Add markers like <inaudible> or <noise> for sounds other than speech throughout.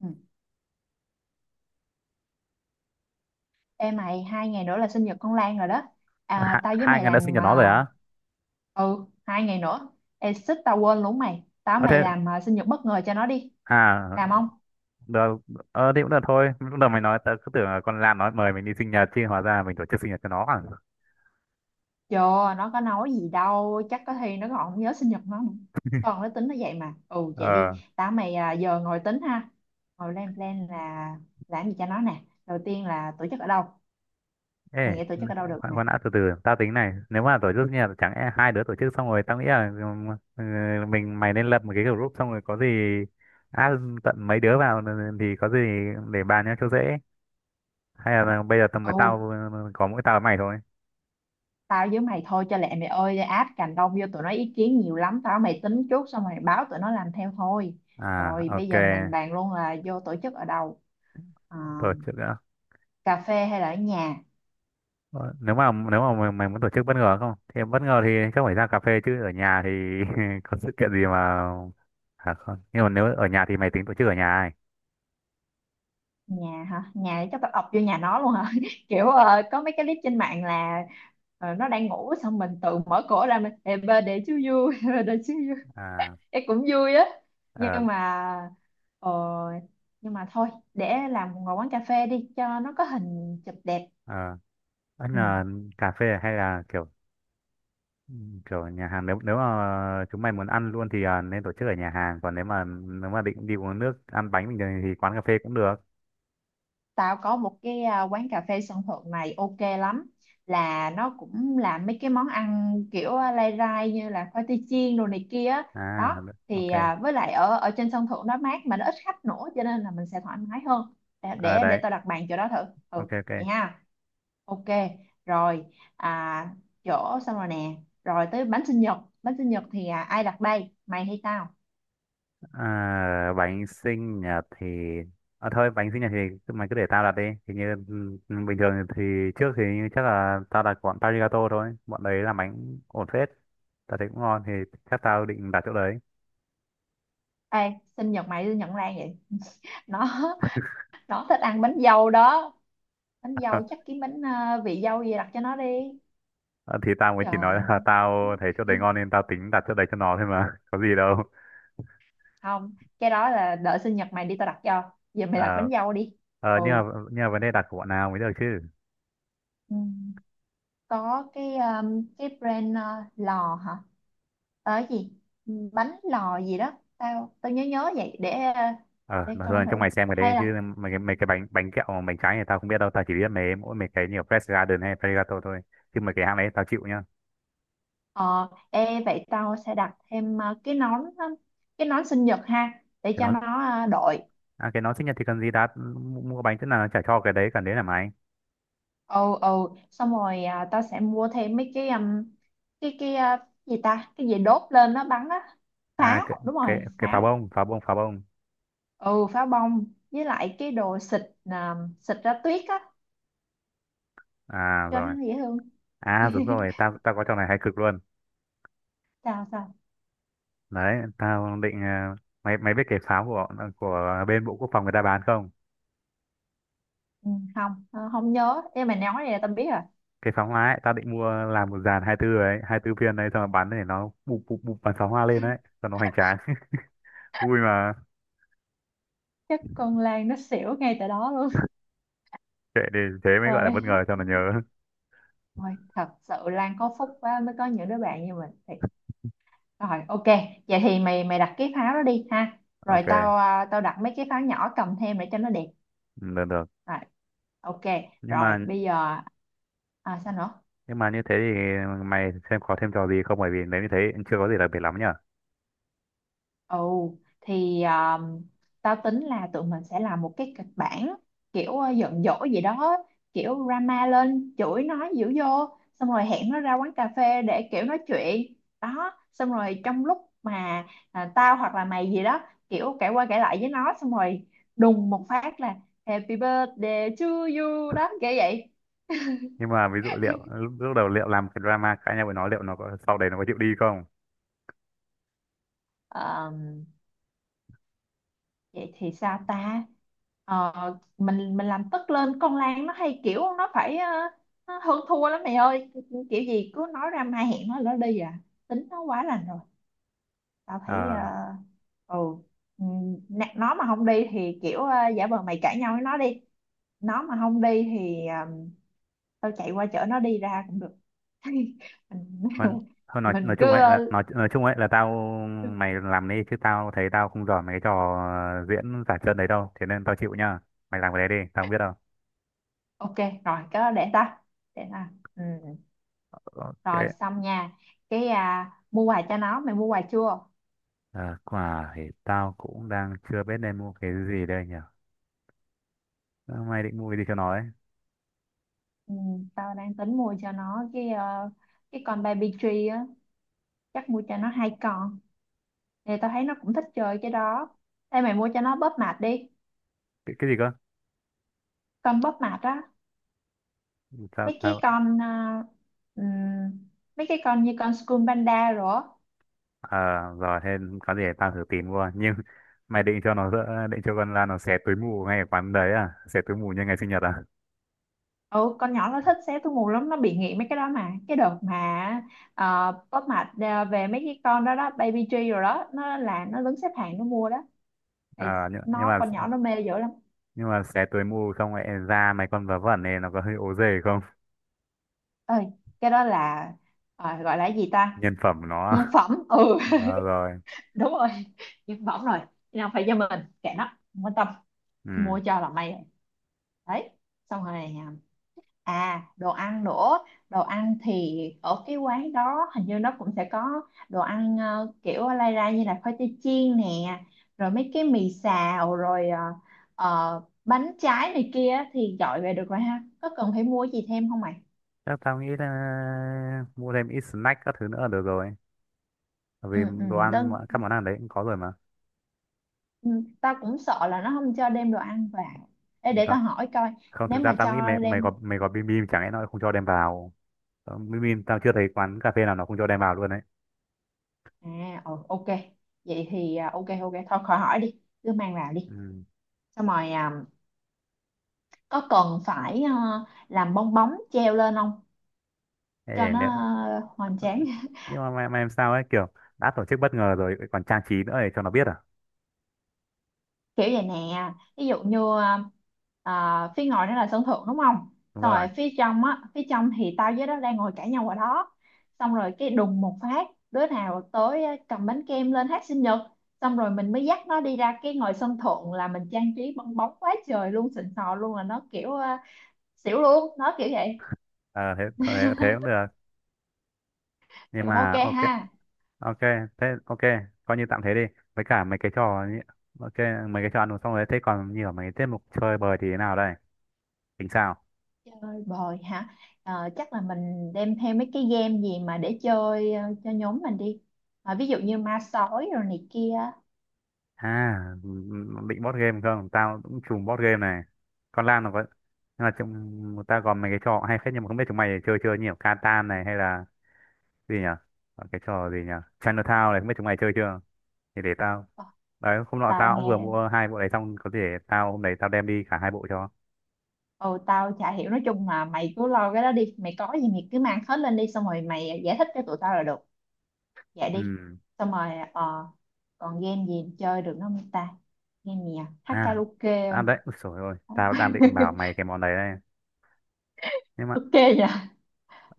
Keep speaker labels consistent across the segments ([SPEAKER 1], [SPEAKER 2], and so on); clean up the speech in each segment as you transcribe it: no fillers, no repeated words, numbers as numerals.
[SPEAKER 1] Ừ. Ê mày, 2 ngày nữa là sinh nhật con Lan rồi đó
[SPEAKER 2] hai,
[SPEAKER 1] tao với
[SPEAKER 2] hai
[SPEAKER 1] mày
[SPEAKER 2] người đã sinh
[SPEAKER 1] làm
[SPEAKER 2] cho nó rồi á.
[SPEAKER 1] ừ, 2 ngày nữa. Ê xích tao quên luôn mày, tao với
[SPEAKER 2] Ờ
[SPEAKER 1] mày
[SPEAKER 2] thế.
[SPEAKER 1] làm sinh nhật bất ngờ cho nó đi. Làm
[SPEAKER 2] À.
[SPEAKER 1] không?
[SPEAKER 2] Được. Ờ thì cũng được thôi, lúc đầu mày nói tớ cứ tưởng là con Lan nói mời mình đi sinh nhật, chứ hóa ra mình tổ chức sinh nhật cho nó à?
[SPEAKER 1] Chưa, nó có nói gì đâu, chắc có khi nó còn không nhớ sinh nhật nó nữa. Còn nó tính nó vậy mà. Ừ, vậy
[SPEAKER 2] Ờ.
[SPEAKER 1] đi, tao với mày giờ ngồi tính ha. Ngồi lên plan là làm gì cho nó nè. Đầu tiên là tổ chức ở đâu?
[SPEAKER 2] Ê,
[SPEAKER 1] Mày nghĩ tổ chức ở đâu
[SPEAKER 2] khoan
[SPEAKER 1] được
[SPEAKER 2] khoan
[SPEAKER 1] nè?
[SPEAKER 2] khoan đã, từ từ, tao tính này, nếu mà tổ chức sinh nhật chẳng e hai đứa tổ chức xong rồi, tao nghĩ là ừ, mình mày nên lập một cái group, xong rồi có gì add tận mấy đứa vào, thì có gì để bàn nhau cho dễ. Hay là bây giờ tầm với
[SPEAKER 1] Ừ,
[SPEAKER 2] tao có mỗi tao với mày thôi?
[SPEAKER 1] tao với mày thôi cho lẹ mày ơi, áp cành đông vô tụi nó ý kiến nhiều lắm. Tao mày tính trước xong mày báo tụi nó làm theo thôi.
[SPEAKER 2] À,
[SPEAKER 1] Rồi bây
[SPEAKER 2] ok.
[SPEAKER 1] giờ mình bàn luôn là vô tổ chức ở đâu. Ờ,
[SPEAKER 2] Tổ chức.
[SPEAKER 1] cà phê hay là ở nhà?
[SPEAKER 2] Ờ, nếu mà nếu mà mày muốn tổ chức bất ngờ không, thì bất ngờ thì chắc phải ra cà phê, chứ ở nhà thì <laughs> có sự kiện gì mà. Không, nhưng mà nếu ở nhà thì mày tính tổ chức ở nhà ấy?
[SPEAKER 1] Nhà hả? Nhà chắc tao ập vô nhà nó luôn hả. <laughs> Kiểu có mấy cái clip trên mạng là nó đang ngủ xong mình tự mở cửa ra mình "Happy birthday to you <laughs> happy birthday to you,
[SPEAKER 2] À.
[SPEAKER 1] em cũng vui á".
[SPEAKER 2] Ờ.
[SPEAKER 1] Nhưng mà ờ, nhưng mà thôi, để làm ngồi quán cà phê đi cho nó có hình chụp đẹp.
[SPEAKER 2] Ờ. Ăn
[SPEAKER 1] Ừ.
[SPEAKER 2] là cà phê hay là kiểu kiểu nhà hàng? Nếu nếu mà chúng mày muốn ăn luôn thì nên tổ chức ở nhà hàng, còn nếu mà định đi uống nước ăn bánh bình thường thì quán cà phê cũng được.
[SPEAKER 1] Tao có một cái quán cà phê sân thượng này ok lắm, là nó cũng làm mấy cái món ăn kiểu lai rai như là khoai tây chiên đồ này kia á.
[SPEAKER 2] À,
[SPEAKER 1] Đó thì
[SPEAKER 2] ok.
[SPEAKER 1] với lại ở ở trên sân thượng nó mát mà nó ít khách nữa cho nên là mình sẽ thoải mái hơn.
[SPEAKER 2] À,
[SPEAKER 1] Để
[SPEAKER 2] đấy.
[SPEAKER 1] tao đặt bàn chỗ đó thử. Ừ,
[SPEAKER 2] Ok ok.
[SPEAKER 1] vậy ha. Ok. Rồi à, chỗ xong rồi nè. Rồi tới bánh sinh nhật. Bánh sinh nhật thì ai đặt đây, mày hay tao?
[SPEAKER 2] À, bánh sinh nhật thì thôi, bánh sinh nhật thì cứ- mày cứ để tao đặt đi, thì như bình thường thì trước thì như chắc là tao đặt bọn Parigato thôi, bọn đấy làm bánh ổn phết, tao thấy cũng ngon, thì chắc tao định đặt chỗ đấy.
[SPEAKER 1] Ê, sinh nhật mày sinh nhật Lan vậy? <laughs> nó nó thích ăn bánh dâu đó. Bánh dâu chắc
[SPEAKER 2] <laughs>
[SPEAKER 1] kiếm bánh vị dâu gì đặt cho nó đi.
[SPEAKER 2] Ờ, thì tao mới chỉ
[SPEAKER 1] Trời
[SPEAKER 2] nói là
[SPEAKER 1] ơi.
[SPEAKER 2] <laughs> tao thấy chỗ đấy ngon nên tao tính đặt chỗ đấy cho nó thôi mà, <laughs> có gì đâu.
[SPEAKER 1] Không, cái đó là đợi sinh nhật mày đi tao đặt cho, giờ mày đặt
[SPEAKER 2] Ờ,
[SPEAKER 1] bánh dâu đi.
[SPEAKER 2] ờ,
[SPEAKER 1] Ừ.
[SPEAKER 2] nhưng mà nhưng mà vấn đề đặt của bọn nào mới được chứ.
[SPEAKER 1] Ừ. Có cái brand lò hả? Ờ, cái gì bánh lò gì đó, tao tao nhớ nhớ vậy để
[SPEAKER 2] Ờ
[SPEAKER 1] để
[SPEAKER 2] mà
[SPEAKER 1] coi
[SPEAKER 2] thôi cho
[SPEAKER 1] thử
[SPEAKER 2] mày xem cái đấy
[SPEAKER 1] hay
[SPEAKER 2] chứ.
[SPEAKER 1] là...
[SPEAKER 2] Mấy cái bánh bánh kẹo mà bánh trái này tao không biết đâu, tao chỉ biết mấy cái nhiều Fresh Garden hay Pregato thôi, chứ mấy cái hãng đấy tao chịu nhá.
[SPEAKER 1] Ờ, ê vậy tao sẽ đặt thêm cái nón cái nón sinh nhật ha để
[SPEAKER 2] Cái
[SPEAKER 1] cho
[SPEAKER 2] nó.
[SPEAKER 1] nó đội.
[SPEAKER 2] À, cái nó sinh nhật thì cần gì, đã mua mua bánh thế nào nó chả cho, cái đấy cần đấy là mày.
[SPEAKER 1] Ừ, ừ, xong rồi tao sẽ mua thêm mấy cái gì ta, cái gì đốt lên nó bắn á,
[SPEAKER 2] À, cái
[SPEAKER 1] pháo, đúng
[SPEAKER 2] cái
[SPEAKER 1] rồi,
[SPEAKER 2] cái pháo
[SPEAKER 1] pháo.
[SPEAKER 2] bông pháo bông pháo bông
[SPEAKER 1] Ừ, pháo bông. Với lại cái đồ xịt xịt ra tuyết á
[SPEAKER 2] À
[SPEAKER 1] cho nó
[SPEAKER 2] rồi.
[SPEAKER 1] dễ thương.
[SPEAKER 2] À đúng
[SPEAKER 1] <laughs>
[SPEAKER 2] rồi, tao tao có trò này hay cực luôn.
[SPEAKER 1] Sao sao?
[SPEAKER 2] Đấy tao định mày mày biết cái pháo của bên bộ quốc phòng người ta bán không?
[SPEAKER 1] Ừ, không, không nhớ nhưng mà nói vậy là tao biết rồi.
[SPEAKER 2] Cái pháo hoa ấy, tao định mua làm một dàn 24 ấy, 24 viên đấy, xong rồi bắn để nó bụp bụp bụp, bắn pháo hoa lên đấy cho nó hoành tráng, vui mà.
[SPEAKER 1] Chắc con Lan nó xỉu ngay tại đó luôn.
[SPEAKER 2] Kệ đi, thế
[SPEAKER 1] <laughs>
[SPEAKER 2] mới gọi là bất
[SPEAKER 1] Rồi,
[SPEAKER 2] ngờ cho nó nhớ. <laughs>
[SPEAKER 1] rồi thật sự Lan có phúc quá mới có những đứa bạn như mình. Rồi ok, vậy thì mày mày đặt cái pháo đó đi ha. Rồi
[SPEAKER 2] Ok.
[SPEAKER 1] tao tao đặt mấy cái pháo nhỏ cầm thêm để cho nó đẹp.
[SPEAKER 2] Ừ, được được.
[SPEAKER 1] Rồi, ok,
[SPEAKER 2] Nhưng
[SPEAKER 1] rồi
[SPEAKER 2] mà
[SPEAKER 1] bây giờ sao nữa?
[SPEAKER 2] như thế thì mày xem có thêm trò gì không, bởi vì nếu như thế chưa có gì đặc biệt lắm nhở.
[SPEAKER 1] Ồ, thì tao tính là tụi mình sẽ làm một cái kịch bản kiểu giận dỗi gì đó, kiểu drama lên, chửi nó dữ vô, xong rồi hẹn nó ra quán cà phê để kiểu nói chuyện. Đó, xong rồi trong lúc mà tao hoặc là mày gì đó, kiểu kể qua kể lại với nó, xong rồi đùng một phát là Happy birthday to you đó, kiểu vậy.
[SPEAKER 2] Nhưng mà ví dụ liệu lúc đầu liệu làm cái drama cãi nhau với nó, liệu nó có sau đấy nó có chịu đi không.
[SPEAKER 1] Vậy thì sao ta? Ờ, mình làm tức lên, con Lan nó hay kiểu nó phải nó hơn thua lắm mày ơi. Kiểu gì cứ nói ra mai hẹn nó lỡ đi à. Tính nó quá lành rồi, tao thấy
[SPEAKER 2] Ờ.
[SPEAKER 1] ừ, ừ, nè, nó mà không đi thì kiểu giả vờ mày cãi nhau với nó đi. Nó mà không đi thì tao chạy qua chở nó đi ra cũng được. <laughs> Mình
[SPEAKER 2] Hơn
[SPEAKER 1] <laughs>
[SPEAKER 2] hơn nói
[SPEAKER 1] mình
[SPEAKER 2] nói
[SPEAKER 1] cứ
[SPEAKER 2] chung ấy là nói chung ấy là tao mày làm đi, chứ tao thấy tao không giỏi mấy cái trò diễn giả trân đấy đâu, thế nên tao chịu nhá, mày làm cái đấy đi, tao không biết đâu.
[SPEAKER 1] ok. Rồi cứ để ta. Ừ.
[SPEAKER 2] Ok.
[SPEAKER 1] Rồi xong nha. Cái mua quà cho nó, mày mua quà chưa?
[SPEAKER 2] À, quả thì tao cũng đang chưa biết nên mua cái gì đây nhỉ. Ờ, mày định mua cái gì cho nó ấy?
[SPEAKER 1] Ừ, tao đang tính mua cho nó cái cái con baby tree á, chắc mua cho nó hai con, thì tao thấy nó cũng thích chơi cái đó. Ê mày mua cho nó bóp mạch đi.
[SPEAKER 2] Cái gì cơ?
[SPEAKER 1] Con bóp mạch á,
[SPEAKER 2] Sao
[SPEAKER 1] mấy cái
[SPEAKER 2] tao.
[SPEAKER 1] con ừm, mấy cái con như con School Panda rồi á.
[SPEAKER 2] À, rồi thế có gì để tao thử tìm qua, nhưng <laughs> mày định cho nó dỡ- định cho con Lan nó xé túi mù ngay ở quán đấy à, xé túi mù như ngày sinh nhật à?
[SPEAKER 1] Ừ, con nhỏ nó thích xé túi mù lắm, nó bị nghiện mấy cái đó mà. Cái đợt mà bóp mạch về mấy cái con đó đó Baby G rồi đó, nó là nó đứng xếp hàng nó mua đó. Thì
[SPEAKER 2] À nhưng, nhưng
[SPEAKER 1] nó
[SPEAKER 2] mà
[SPEAKER 1] con nhỏ nó mê dữ lắm.
[SPEAKER 2] nhưng mà xé túi mù xong lại ra mấy con vớ vẩn này nó có hơi ố dề không.
[SPEAKER 1] Ơi, cái đó là gọi là cái gì ta?
[SPEAKER 2] Nhân phẩm nó. <laughs>
[SPEAKER 1] Nhân phẩm, ừ. <laughs>
[SPEAKER 2] Ờ, rồi.
[SPEAKER 1] Đúng rồi, nhân phẩm rồi. Nào phải cho mình, kệ nó, không quan tâm, mua
[SPEAKER 2] Ừ,
[SPEAKER 1] cho là may rồi. Đấy, xong rồi đồ ăn nữa. Đồ ăn thì ở cái quán đó hình như nó cũng sẽ có đồ ăn kiểu lai ra như là khoai tây chiên nè, rồi mấy cái mì xào, rồi bánh trái này kia thì gọi về được rồi ha. Có cần phải mua gì thêm không mày?
[SPEAKER 2] chắc tao nghĩ là mua thêm ít snack các thứ nữa là được rồi, bởi vì
[SPEAKER 1] Ừ, ừ,
[SPEAKER 2] đồ ăn
[SPEAKER 1] đơn,
[SPEAKER 2] các món ăn đấy cũng có rồi mà.
[SPEAKER 1] ừ, tao cũng sợ là nó không cho đem đồ ăn vào. Ê, để
[SPEAKER 2] Tao
[SPEAKER 1] tao hỏi coi,
[SPEAKER 2] không,
[SPEAKER 1] nếu
[SPEAKER 2] thực ra
[SPEAKER 1] mà
[SPEAKER 2] tao nghĩ mày
[SPEAKER 1] cho đem...
[SPEAKER 2] mày có bim bim chẳng lẽ nó không cho đem vào. Ờ, bim bim tao chưa thấy quán cà phê nào nó không cho đem vào luôn đấy.
[SPEAKER 1] À, ừ, ok. Vậy thì ok, ok, thôi khỏi hỏi đi. Cứ mang vào đi.
[SPEAKER 2] Ừ.
[SPEAKER 1] Xong rồi có cần phải làm bong bóng treo lên không cho
[SPEAKER 2] Ê,
[SPEAKER 1] nó
[SPEAKER 2] nếu,
[SPEAKER 1] hoành tráng. <laughs>
[SPEAKER 2] nhưng mà mày làm sao ấy, kiểu đã tổ chức bất ngờ rồi còn trang trí nữa để cho nó biết à.
[SPEAKER 1] Kiểu vậy nè, ví dụ như phía ngoài nó là sân thượng đúng không,
[SPEAKER 2] Đúng
[SPEAKER 1] xong
[SPEAKER 2] rồi.
[SPEAKER 1] rồi phía trong á, phía trong thì tao với nó đang ngồi cãi nhau ở đó, xong rồi cái đùng một phát đứa nào tới cầm bánh kem lên hát sinh nhật, xong rồi mình mới dắt nó đi ra cái ngoài sân thượng là mình trang trí bong bóng quá trời luôn, xịn sò luôn, là nó kiểu xỉu luôn nó kiểu vậy.
[SPEAKER 2] Ờ, thế thế cũng được. Nhưng
[SPEAKER 1] Thì cũng ok
[SPEAKER 2] mà ok.
[SPEAKER 1] ha.
[SPEAKER 2] Ok thế ok, coi như tạm thế đi, với cả mấy cái trò như- ok, mấy cái trò ăn uống xong rồi thế còn như ở mấy cái tiết mục chơi bời thì thế nào đây, tính sao.
[SPEAKER 1] Chơi bời hả? Ờ, chắc là mình đem theo mấy cái game gì mà để chơi cho nhóm mình đi. Ờ, ví dụ như ma sói rồi này kia.
[SPEAKER 2] À, định board game không? Tao cũng trùm board game này. Con Lan nó có, nhưng mà trong tao còn mấy cái trò hay phết, nhưng mà không biết chúng mày chơi chưa nhiều. Catan này hay là gì nhỉ? Còn cái trò gì nhỉ? Chinatown này không biết chúng mày chơi chưa? Thì để tao.
[SPEAKER 1] Ờ,
[SPEAKER 2] Đấy, hôm nọ
[SPEAKER 1] tao
[SPEAKER 2] tao cũng vừa
[SPEAKER 1] nghe.
[SPEAKER 2] mua hai bộ đấy, xong có thể tao hôm đấy tao đem đi cả hai bộ cho.
[SPEAKER 1] Ừ, tao chả hiểu, nói chung là mày cứ lo cái đó đi, mày có gì mày cứ mang hết lên đi xong rồi mày giải thích cho tụi tao là được. Vậy đi.
[SPEAKER 2] Ừ.
[SPEAKER 1] Xong rồi còn game gì chơi được nữa không ta? Game gì, à hát
[SPEAKER 2] À,
[SPEAKER 1] karaoke
[SPEAKER 2] à đấy,
[SPEAKER 1] không?
[SPEAKER 2] ôi trời ơi, tao đang
[SPEAKER 1] <laughs>
[SPEAKER 2] định bảo mày cái món đấy đây. Nhưng mà
[SPEAKER 1] Ok nhỉ.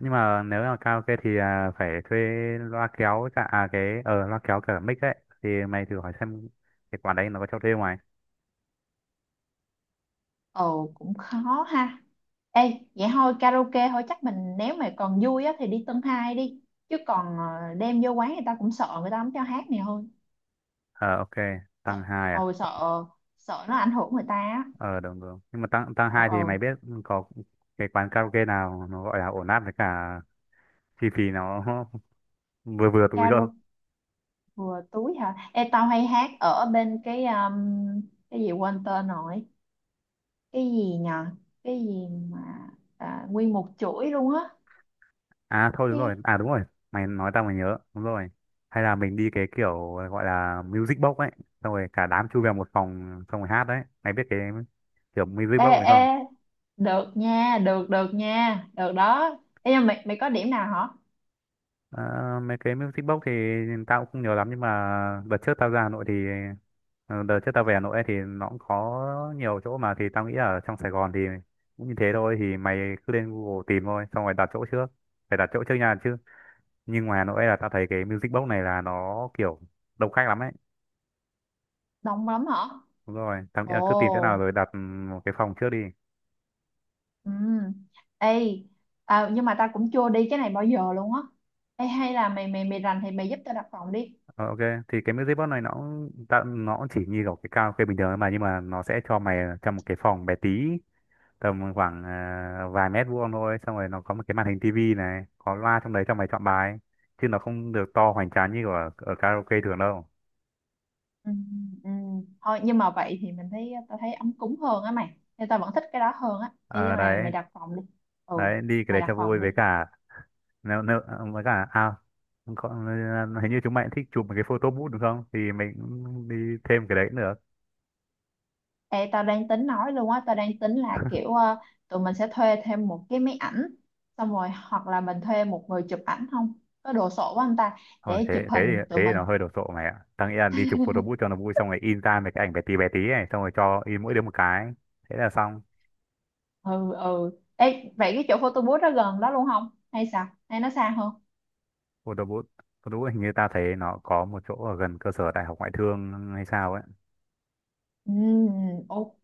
[SPEAKER 2] nếu là karaoke thì phải thuê loa kéo cả cái loa kéo cả mic ấy, thì mày thử hỏi xem cái quán đấy nó có cho thuê ngoài.
[SPEAKER 1] Ồ cũng khó ha. Ê, vậy thôi karaoke thôi chắc mình, nếu mà còn vui á thì đi Tân Hai đi. Chứ còn đem vô quán người ta cũng sợ người ta không cho hát này hơn.
[SPEAKER 2] Ờ ok. Tăng
[SPEAKER 1] Sợ,
[SPEAKER 2] hai à,
[SPEAKER 1] ồ
[SPEAKER 2] T-.
[SPEAKER 1] sợ, sợ nó ảnh hưởng người ta á.
[SPEAKER 2] Ờ đúng đúng, nhưng mà tăng tăng
[SPEAKER 1] Ồ,
[SPEAKER 2] hai
[SPEAKER 1] ồ,
[SPEAKER 2] thì mày biết có cái quán karaoke nào nó gọi là ổn áp, với cả chi phí nó <laughs> vừa vừa túi không.
[SPEAKER 1] karaoke vừa túi hả? Ê tao hay hát ở bên cái gì quên tên rồi. Cái gì nhờ? Cái gì mà nguyên một chuỗi luôn á.
[SPEAKER 2] À thôi đúng rồi,
[SPEAKER 1] Cái...
[SPEAKER 2] à đúng rồi, mày nói tao mày nhớ đúng rồi. Hay là mình đi cái kiểu gọi là music box ấy, xong rồi cả đám chui vào một phòng xong rồi hát đấy, mày biết cái kiểu music
[SPEAKER 1] Ê,
[SPEAKER 2] box này không?
[SPEAKER 1] ê, được nha, được đó. Ê, nhưng mà mày có điểm nào hả?
[SPEAKER 2] À, mấy cái music box thì tao cũng không nhiều lắm, nhưng mà đợt trước tao ra Hà Nội thì đợt trước tao về Hà Nội ấy thì nó cũng có nhiều chỗ mà, thì tao nghĩ ở trong Sài Gòn thì cũng như thế thôi, thì mày cứ lên Google tìm thôi xong rồi đặt chỗ trước, phải đặt chỗ trước nha chứ. Nhưng ngoài Hà Nội là tao thấy cái music box này là nó kiểu đông khách lắm ấy.
[SPEAKER 1] Đông lắm hả?
[SPEAKER 2] Đúng rồi, tao nghĩ
[SPEAKER 1] Ồ.
[SPEAKER 2] là cứ tìm chỗ nào rồi đặt một cái phòng trước đi.
[SPEAKER 1] Ừ. Ê nhưng mà tao cũng chưa đi cái này bao giờ luôn á. Ê hay là mày mày mày rành thì mày giúp tao đặt phòng đi.
[SPEAKER 2] Ờ, ok. Thì cái music box này nó cũng- tao nó cũng chỉ như kiểu cái karaoke bình thường thôi mà, nhưng mà nó sẽ cho mày trong một cái phòng bé tí, tầm khoảng vài mét vuông thôi, xong rồi nó có một cái màn hình tivi này, có loa trong đấy cho mày chọn bài, chứ nó không được to hoành tráng như ở karaoke thường đâu.
[SPEAKER 1] Ừ, ừ, thôi nhưng mà vậy thì mình thấy tao thấy ấm cúng hơn á mày, nên tao vẫn thích cái đó hơn á. Ê nhưng
[SPEAKER 2] Ờ
[SPEAKER 1] mà
[SPEAKER 2] đấy,
[SPEAKER 1] mày đặt phòng đi. Ừ,
[SPEAKER 2] đấy đi cái
[SPEAKER 1] mày
[SPEAKER 2] đấy
[SPEAKER 1] đặt
[SPEAKER 2] cho vui
[SPEAKER 1] phòng đi.
[SPEAKER 2] với cả nếu, nếu, với cả à, có, hình như chúng mày cũng thích chụp một cái photo booth đúng không, thì mình cũng đi thêm cái đấy cũng được.
[SPEAKER 1] Ê tao đang tính nói luôn á, tao đang tính là kiểu tụi mình sẽ thuê thêm một cái máy ảnh, xong rồi hoặc là mình thuê một người chụp ảnh không, có đồ sộ quá anh ta,
[SPEAKER 2] Thôi
[SPEAKER 1] để
[SPEAKER 2] thế
[SPEAKER 1] chụp
[SPEAKER 2] thế thì
[SPEAKER 1] hình
[SPEAKER 2] thế
[SPEAKER 1] tụi
[SPEAKER 2] thì nó
[SPEAKER 1] mình.
[SPEAKER 2] hơi đồ sộ mày ạ, tao nghĩ là đi chụp photo booth cho nó vui, xong rồi in ra mấy cái ảnh bé tí này, xong rồi cho in mỗi đứa một cái, thế là xong.
[SPEAKER 1] Ừ, ừ. Ê, vậy cái chỗ photo booth đó gần đó luôn không hay sao, hay nó xa hơn?
[SPEAKER 2] Cô đỗ bút. Cô đỗ bút hình như ta thấy nó có một chỗ ở gần cơ sở đại học ngoại thương hay sao ấy.
[SPEAKER 1] Ừm, ok.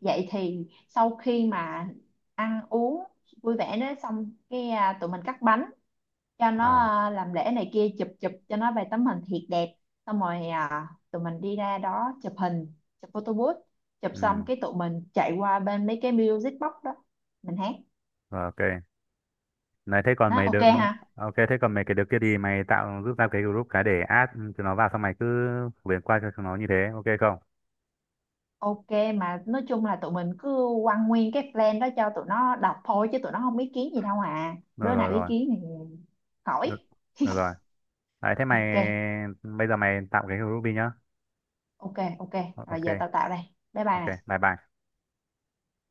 [SPEAKER 1] Vậy thì sau khi mà ăn uống vui vẻ đó xong cái tụi mình cắt bánh cho nó
[SPEAKER 2] À.
[SPEAKER 1] làm lễ này kia, chụp chụp cho nó vài tấm hình thiệt đẹp, xong rồi tụi mình đi ra đó chụp hình, chụp photo booth. Chụp xong
[SPEAKER 2] Ừ.
[SPEAKER 1] cái tụi mình chạy qua bên mấy cái music box đó, mình hát.
[SPEAKER 2] Rồi, ok. Này thế còn
[SPEAKER 1] Nó
[SPEAKER 2] mày
[SPEAKER 1] ok
[SPEAKER 2] được.
[SPEAKER 1] ha.
[SPEAKER 2] Ok, thế còn mấy cái đứa kia thì mày tạo giúp ra cái group cái để add chúng nó vào, xong mày cứ phổ biến qua cho chúng nó, như thế ok không?
[SPEAKER 1] Ok, mà nói chung là tụi mình cứ quăng nguyên cái plan đó cho tụi nó đọc thôi chứ tụi nó không ý kiến gì đâu à.
[SPEAKER 2] Rồi
[SPEAKER 1] Đứa nào
[SPEAKER 2] rồi
[SPEAKER 1] ý
[SPEAKER 2] rồi,
[SPEAKER 1] kiến thì
[SPEAKER 2] được,
[SPEAKER 1] khỏi.
[SPEAKER 2] được rồi. Đấy thế mày
[SPEAKER 1] Ok,
[SPEAKER 2] bây giờ mày tạo cái group đi nhá.
[SPEAKER 1] ok, ok. Rồi
[SPEAKER 2] Ok
[SPEAKER 1] giờ tao tạo đây. Bye bye
[SPEAKER 2] ok.
[SPEAKER 1] này.
[SPEAKER 2] Bye bye.